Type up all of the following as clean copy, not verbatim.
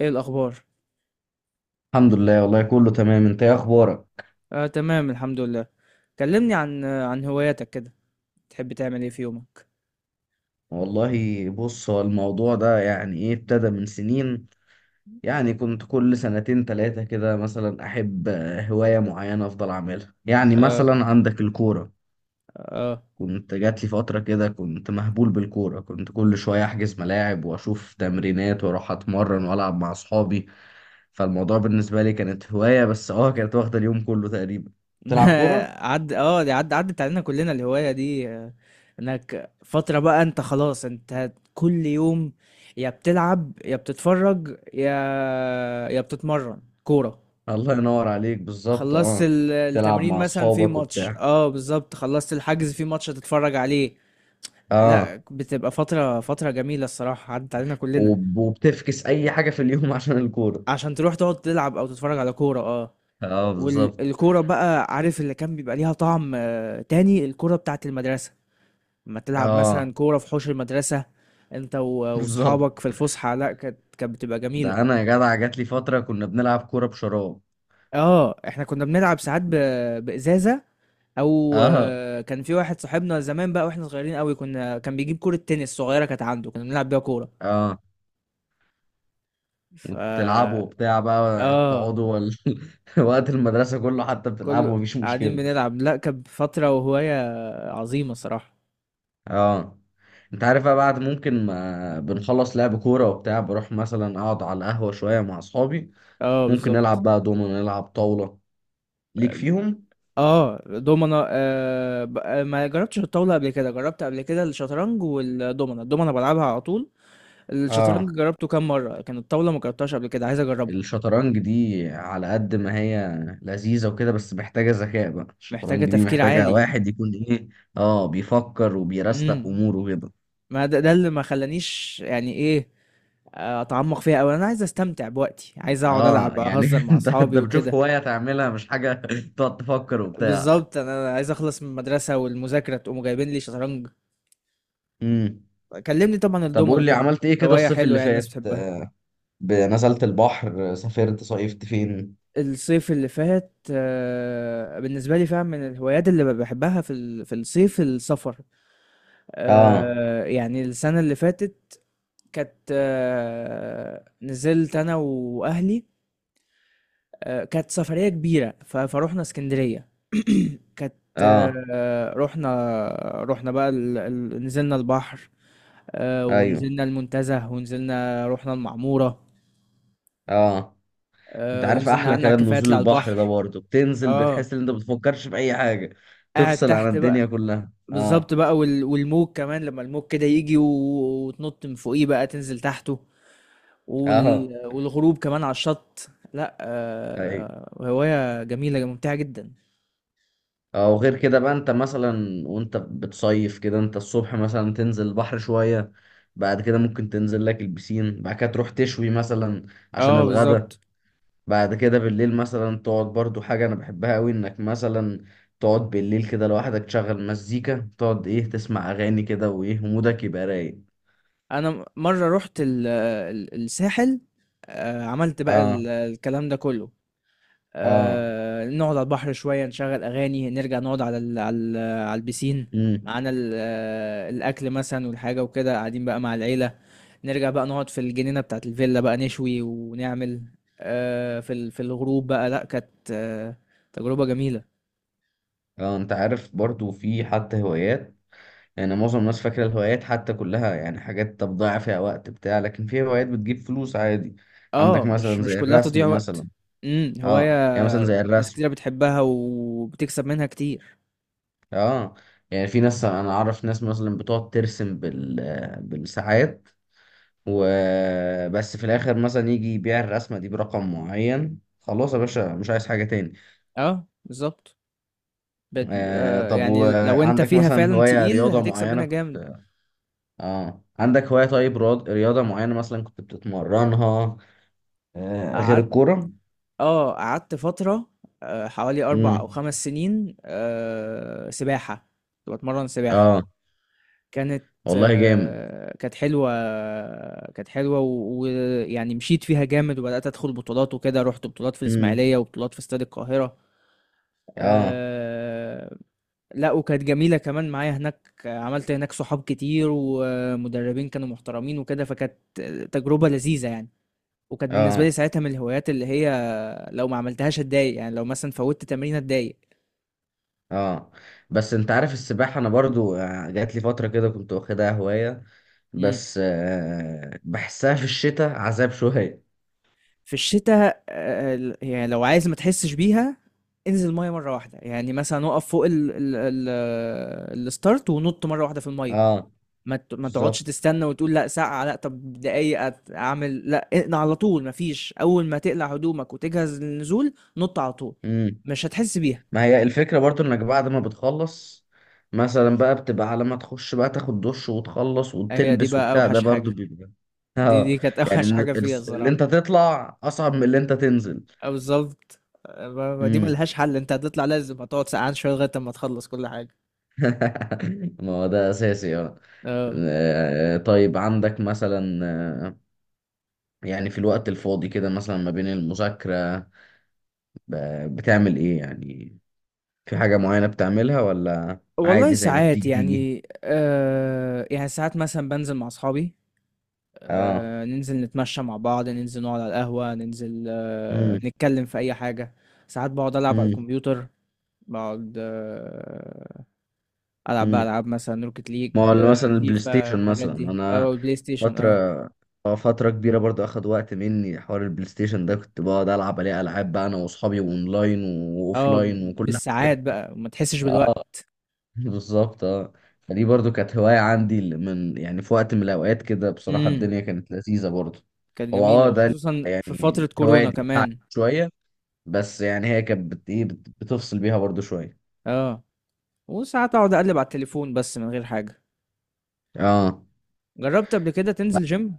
ايه الاخبار؟ الحمد لله، والله كله تمام. انت ايه اخبارك؟ آه، تمام، الحمد لله. كلمني عن عن هواياتك كده. تحب تعمل ايه في يومك؟ والله بص، هو الموضوع ده يعني ايه، ابتدى من سنين. يعني كنت كل سنتين تلاتة كده مثلا احب هواية معينة افضل اعملها. يعني اه. مثلا عندك الكورة، اه. كنت جات لي فترة كده كنت مهبول بالكورة، كنت كل شوية احجز ملاعب واشوف تمرينات واروح اتمرن والعب مع اصحابي. فالموضوع بالنسبة لي كانت هواية، بس اه كانت واخدة اليوم كله تقريبا. تلعب كورة. عد اه دي عد عدت علينا كلنا الهواية دي، انك فترة بقى، انت خلاص انت كل يوم يا بتلعب يا بتتفرج يا بتتمرن كورة. الله ينور عليك، بالظبط خلصت اه. تلعب التمرين مع مثلا في اصحابك ماتش، وبتاع. اه بالظبط، خلصت الحجز في ماتش هتتفرج عليه. اه، لا، بتبقى فترة جميلة الصراحة، عدت علينا كلنا. وبتفكس اي حاجه في اليوم عشان الكوره. عشان تروح تقعد تلعب او تتفرج على كوره. اه. اه بالظبط. والكوره بقى عارف اللي كان بيبقى ليها طعم، تاني الكوره بتاعت المدرسه، لما تلعب اه مثلا كوره في حوش المدرسه، انت بالظبط. واصحابك في الفسحه. لا، كانت بتبقى جميله. ده انا يا جدع جات لي فتره كنا بنلعب كوره بشراب. اه، احنا كنا بنلعب ساعات بازازه، او اه. كان في واحد صاحبنا زمان بقى، واحنا صغيرين قوي، كنا كان بيجيب كوره تنس صغيره كانت عنده، كنا بنلعب بيها كوره. اه. ف وبتلعبوا وبتاع بقى اه تقعدوا وقت المدرسه كله حتى كل بتلعبوا، مفيش قاعدين مشكله. بنلعب. لا، كانت فتره وهوايه عظيمه صراحه. اه. انت عارف بقى، بعد ممكن ما بنخلص لعب كوره وبتاع بروح مثلا اقعد على القهوه شويه مع اصحابي. اه ممكن نلعب بالظبط. بقى دومينو، نلعب طاوله، ليك فيهم. اه، دومنا ما جربتش الطاولة قبل كده، جربت قبل كده الشطرنج والدومنا. الدومنا بلعبها على طول. الشطرنج اه، جربته كام مرة، لكن الطاولة ما جربتهاش قبل كده، عايز اجربها. الشطرنج دي على قد ما هي لذيذة وكده، بس محتاجة ذكاء. بقى محتاجة الشطرنج دي تفكير محتاجة عالي. واحد يكون ايه، اه، بيفكر وبيرستق امم اموره كده. ما ده اللي ما خلانيش، يعني ايه، اتعمق فيها اوي. انا عايز استمتع بوقتي، عايز اقعد اه العب يعني اهزر مع انت اصحابي بتشوف وكده. هواية تعملها، مش حاجة تقعد تفكر وبتاع. بالظبط، انا عايز اخلص من المدرسة والمذاكرة تقوموا جايبين لي شطرنج. امم. كلمني. طبعا طب الدومنا قول لي كده عملت ايه كده هواية الصيف حلوة، اللي يعني الناس فات؟ بتحبها. نزلت البحر؟ سافرت؟ صيفت فين؟ الصيف اللي فات، بالنسبة لي فعلا من الهوايات اللي بحبها في في الصيف السفر. اه. يعني السنة اللي فاتت كانت، نزلت أنا وأهلي. كانت سفرية كبيرة فروحنا اسكندرية. كانت. اه. آه، رحنا رحنا بقى نزلنا البحر. ايوه. ونزلنا المنتزه، ونزلنا رحنا المعمورة. اه، انت عارف ونزلنا احلى قعدنا على كلام الكافيهات نزول اللي على البحر ده، البحر. برضه بتنزل بتحس اه، ان انت بتفكرش في اي حاجه. قاعد تفصل عن تحت بقى. الدنيا كلها، بالظبط اه. بقى. والموج كمان، لما الموج كده يجي وتنط من فوقيه بقى تنزل تحته. اه. والغروب كمان على الشط. لا، ايوه. هواية جميلة ممتعة جدا. اه، وغير كده بقى انت مثلا وانت بتصيف كده، انت الصبح مثلا تنزل البحر شويه، بعد كده ممكن تنزل لك البسين، بعد كده تروح تشوي مثلا عشان اه الغدا. بالظبط. بعد كده بالليل مثلا تقعد، برضو حاجه انا بحبها قوي انك مثلا تقعد بالليل كده لوحدك، تشغل مزيكا، تقعد ايه، تسمع اغاني كده وايه، ومودك يبقى رايق. انا مرة رحت الساحل. عملت بقى اه. الكلام ده كله. اه. نقعد على البحر شوية، نشغل أغاني، نرجع نقعد على البسين. امم. معانا الأكل مثلا والحاجة وكده، قاعدين بقى مع العيلة. نرجع بقى نقعد في الجنينة بتاعت الفيلا بقى نشوي ونعمل، في في الغروب بقى. لأ، كانت، تجربة جميلة. اه، انت عارف برضو في حتى هوايات، يعني معظم الناس فاكره الهوايات حتى كلها يعني حاجات تضيع فيها وقت بتاع لكن في هوايات بتجيب فلوس عادي. عندك اه، مش مثلا مش زي كلها تضييع الرسم وقت. مثلا. اه، هواية يعني مثلا زي ناس الرسم. كتيرة بتحبها وبتكسب منها كتير. اه، يعني في ناس، انا اعرف ناس مثلا بتقعد ترسم بال، بالساعات وبس، في الاخر مثلا يجي يبيع الرسمه دي برقم معين، خلاص يا باشا مش عايز حاجه تاني. اه بالظبط. بت... آه، آه طب يعني لو انت وعندك فيها مثلا فعلا هوايه تقيل رياضه هتكسب منها معينه؟ جامد. اه، عندك هواية طيب رياضة معينة مثلا كنت بتتمرنها غير قعدت. الكورة؟ اه، قعدت فترة، حوالي أربع أو امم. خمس سنين، سباحة. كنت بتمرن سباحة. اه، كانت والله جامد. آه، كانت حلوة. كانت حلوة، ويعني مشيت فيها جامد وبدأت أدخل بطولات وكده، رحت بطولات في امم. الإسماعيلية وبطولات في استاد القاهرة. اه. آه، لا وكانت جميلة كمان، معايا هناك عملت هناك صحاب كتير ومدربين كانوا محترمين وكده، فكانت تجربة لذيذة يعني. وكانت بالنسبة لي اه. ساعتها من الهوايات اللي هي لو ما عملتهاش اتضايق، يعني لو مثلا فوتت تمرين اتضايق. اه، بس انت عارف السباحة، انا برضو جات لي فترة كده كنت واخدها هواية، امم بس آه بحسها في الشتاء عذاب شوية. في الشتاء، يعني لو عايز ما تحسش بيها، انزل الميه مره واحده، يعني مثلا اقف فوق ال ال ال الستارت ونط مره واحده في الميه. اه ما تقعدش بالظبط. تستنى وتقول لا ساعه لا طب دقايق اعمل لا اقلع على طول. ما فيش، اول ما تقلع هدومك وتجهز للنزول نط على طول. مش هتحس بيها. ما هي الفكرة برضو انك بعد ما بتخلص مثلا بقى بتبقى على ما تخش بقى تاخد دش وتخلص هي دي وتلبس بقى وبتاع، ده اوحش برضو حاجه. بيبقى. دي اه دي كانت يعني اوحش حاجه فيها اللي الصراحه. انت تطلع اصعب من اللي انت تنزل. بالظبط. ما دي امم. ملهاش حل، انت هتطلع لازم هتقعد سقعان شويه لغايه اما تخلص كل حاجه. ما هو ده اساسي، اه. اه، طيب عندك مثلا يعني في الوقت الفاضي كده مثلا ما بين المذاكرة، بتعمل ايه يعني؟ في حاجة معينة بتعملها ولا والله عادي زي ما ساعات بتيجي تيجي؟ يعني يعني ساعات مثلا بنزل مع اصحابي. اه. ننزل نتمشى مع بعض، ننزل نقعد على القهوة، ننزل امم. نتكلم في اي حاجة. ساعات بقعد العب على الكمبيوتر. بقعد آه العب بقى امم، العاب مثلا روكيت ليج، ما هو اللي مثلا البلاي فيفا ستيشن الحاجات مثلا، دي انا او بلاي ستيشن. اه. فترة، اه فترة كبيرة برضو اخد وقت مني حوار البلاي ستيشن ده، كنت بقعد العب عليه العاب بقى انا واصحابي اونلاين اه واوفلاين وكل حاجة. بالساعات بقى ما تحسش اه بالوقت. بالظبط اه. فدي برضو كانت هواية عندي، اللي من يعني في وقت من الاوقات كده بصراحة مم. الدنيا كانت لذيذة برضو. كانت هو جميلة اه ده وخصوصا في فترة الهواية كورونا دي بتاعت كمان. شوية، بس يعني هي كانت بتفصل بيها برضو شوية. اه، وساعات اقعد اقلب على التليفون بس من غير حاجة. اه. جربت قبل كده تنزل جيم؟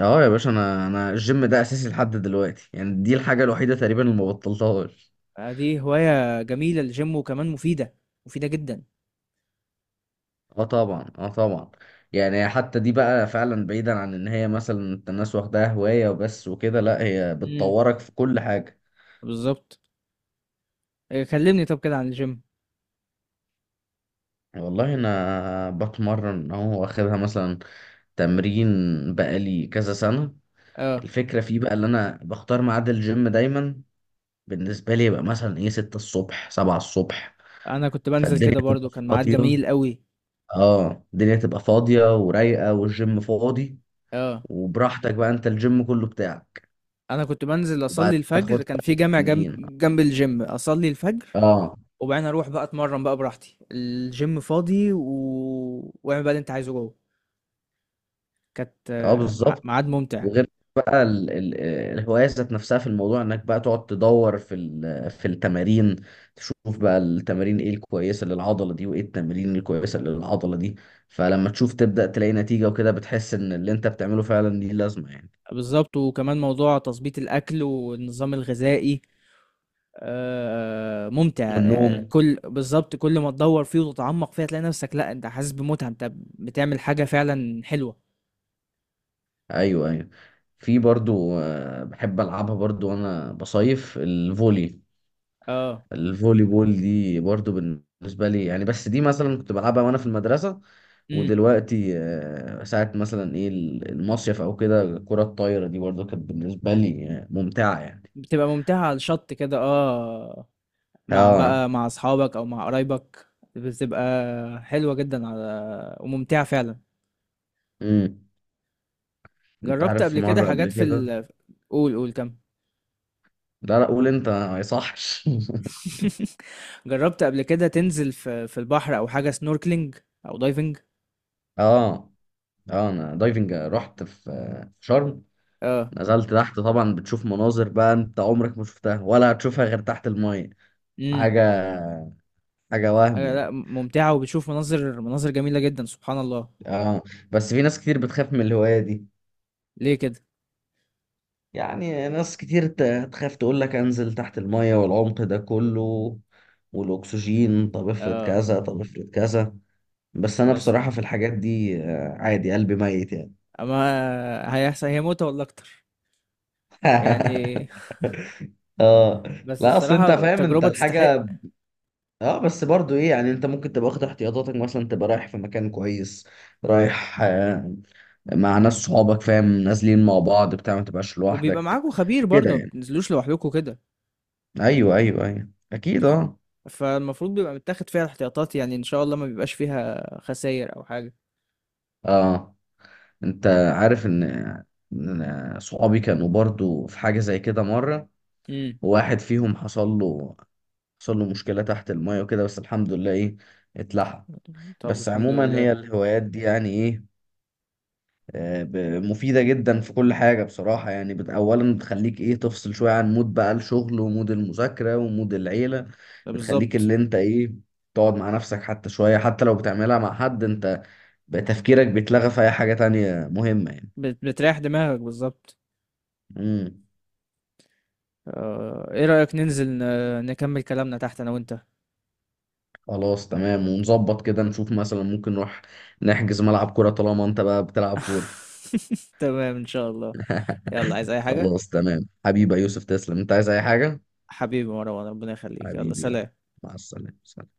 اه يا باشا، انا الجيم ده اساسي لحد دلوقتي، يعني دي الحاجه الوحيده تقريبا اللي ما بطلتهاش. دي هواية جميلة الجيم، وكمان مفيدة، مفيدة جدا. اه طبعا اه طبعا. يعني حتى دي بقى فعلا، بعيدا عن ان هي مثلا انت الناس واخداها هوايه وبس وكده، لا هي امم بتطورك في كل حاجه. بالظبط. إيه، كلمني طب كده عن الجيم. يعني والله انا بتمرن اهو، واخدها مثلا تمرين بقالي كذا سنه. اه، الفكره فيه بقى اللي انا بختار ميعاد الجيم دايما بالنسبه لي يبقى مثلا ايه 6 الصبح، 7 الصبح، انا كنت بنزل فالدنيا كده برضو، تبقى كان ميعاد فاضيه. جميل قوي. اه، الدنيا تبقى فاضية ورايقة، والجيم فاضي، اه، وبراحتك بقى، انت الجيم كله بتاعك. انا كنت بنزل وبعد اصلي ما الفجر، تاخد كان في جامع جنب تمرين. جنب الجيم اصلي الفجر. اه. وبعدين اروح بقى اتمرن بقى براحتي الجيم فاضي واعمل بقى اللي انت عايزه جوه. كانت اه آه، بالظبط. ميعاد ممتع. وغير بقى الهواية ذات نفسها، في الموضوع انك بقى تقعد تدور في التمارين، تشوف بقى التمارين ايه الكويسة للعضلة دي، وايه التمارين الكويسة للعضلة دي. فلما تشوف تبدأ تلاقي نتيجة وكده، بتحس ان اللي انت بتعمله فعلا ليه لازمة يعني. بالضبط، وكمان موضوع تضبيط الأكل والنظام الغذائي. ممتع، والنوم. يعني. بالضبط، كل ما تدوّر فيه وتتعمّق فيه هتلاقي نفسك لأ، أنت حاسس بمتعة، أنت بتعمل حاجة فعلًا حلوة، ايوه، ايوه. في برضو بحب العبها برضو وانا بصيف، الفولي، آه، الفولي بول دي برضو بالنسبه لي يعني، بس دي مثلا كنت بلعبها وانا في المدرسه، إمم، ودلوقتي ساعه مثلا ايه المصيف او كده. الكره الطايره دي برضو كانت بالنسبه لي ممتعه يعني. بتبقى ممتعة على الشط كده، مع اه. بقى مع أصحابك أو مع قرايبك، بتبقى حلوة جدًا وممتعة فعلًا. امم. انت جرّبت عارف في قبل كده مره حاجات قبل في كده. ال قُل، قُل، كمّل. لا لا قول انت، ما يصحش. جرّبت قبل كده تنزل في البحر أو حاجة snorkeling أو diving؟ اه. اه، انا دايفنج رحت في في شرم، آه، نزلت تحت، طبعا بتشوف مناظر بقى انت عمرك ما شفتها ولا هتشوفها غير تحت المية. إمم، حاجة، حاجة وهم لأ، يعني. ممتعة وبتشوف مناظر جميلة جدًا، سبحان الله. اه. بس في ناس كتير بتخاف من الهواية دي، ليه كده؟ يعني ناس كتير تخاف تقول لك انزل تحت المية والعمق ده كله والاكسجين، طب افرض آه، كذا، طب افرض كذا. بس انا بس بصراحة في الحاجات دي عادي، قلبي ميت يعني. أما هيحصل، هي متعة والله أكتر، يعني. اه. بس لا اصل انت الصراحة فاهم انت تجربة تستحق. الحاجة، اه، بس برضو ايه يعني، انت ممكن تبقى واخد احتياطاتك، مثلا تبقى رايح في مكان كويس، رايح مع ناس صحابك فاهم، نازلين مع بعض بتاع ما تبقاش وبيبقى لوحدك معاكم خبير كده برضه، ما يعني. بتنزلوش لوحدكم كده. ايوه ايوه ايوه اكيد اه. فالمفروض بيبقى متاخد فيها الاحتياطات، يعني إن شاء الله ما بيبقاش فيها خساير أو حاجة. اه، انت عارف ان، إن صحابي كانوا برضو في حاجة زي كده مرة، إمم، وواحد فيهم حصل له مشكلة تحت المية وكده، بس الحمد لله ايه، اتلحق. طب بس الحمد عموما هي لله. الهوايات دي يعني ايه، آه، ب- مفيدة جدا في كل حاجة بصراحة. يعني أولا بتخليك إيه، تفصل شوية عن مود بقى الشغل ومود المذاكرة ومود العيلة. ده بتخليك بالضبط. اللي أنت إيه، تقعد مع نفسك حتى شوية، حتى لو بتعملها مع حد، أنت بقى تفكيرك بيتلغى في أي حاجة تانية مهمة يعني. بتريّح دماغك بالضبط. امم. إيه رأيك ننزل نكمل كلامنا تحت أنا وأنت؟ خلاص تمام، ونظبط كده نشوف مثلا ممكن نروح نحجز ملعب كورة طالما أنت بقى بتلعب كورة. تمام إن شاء الله. يلا، عايز أي حاجة؟ خلاص تمام حبيبي يا يوسف، تسلم. أنت عايز أي حاجة؟ حبيبي مروان، ربنا يخليك، يلا حبيبي يلا، سلام. مع السلامة، سلام.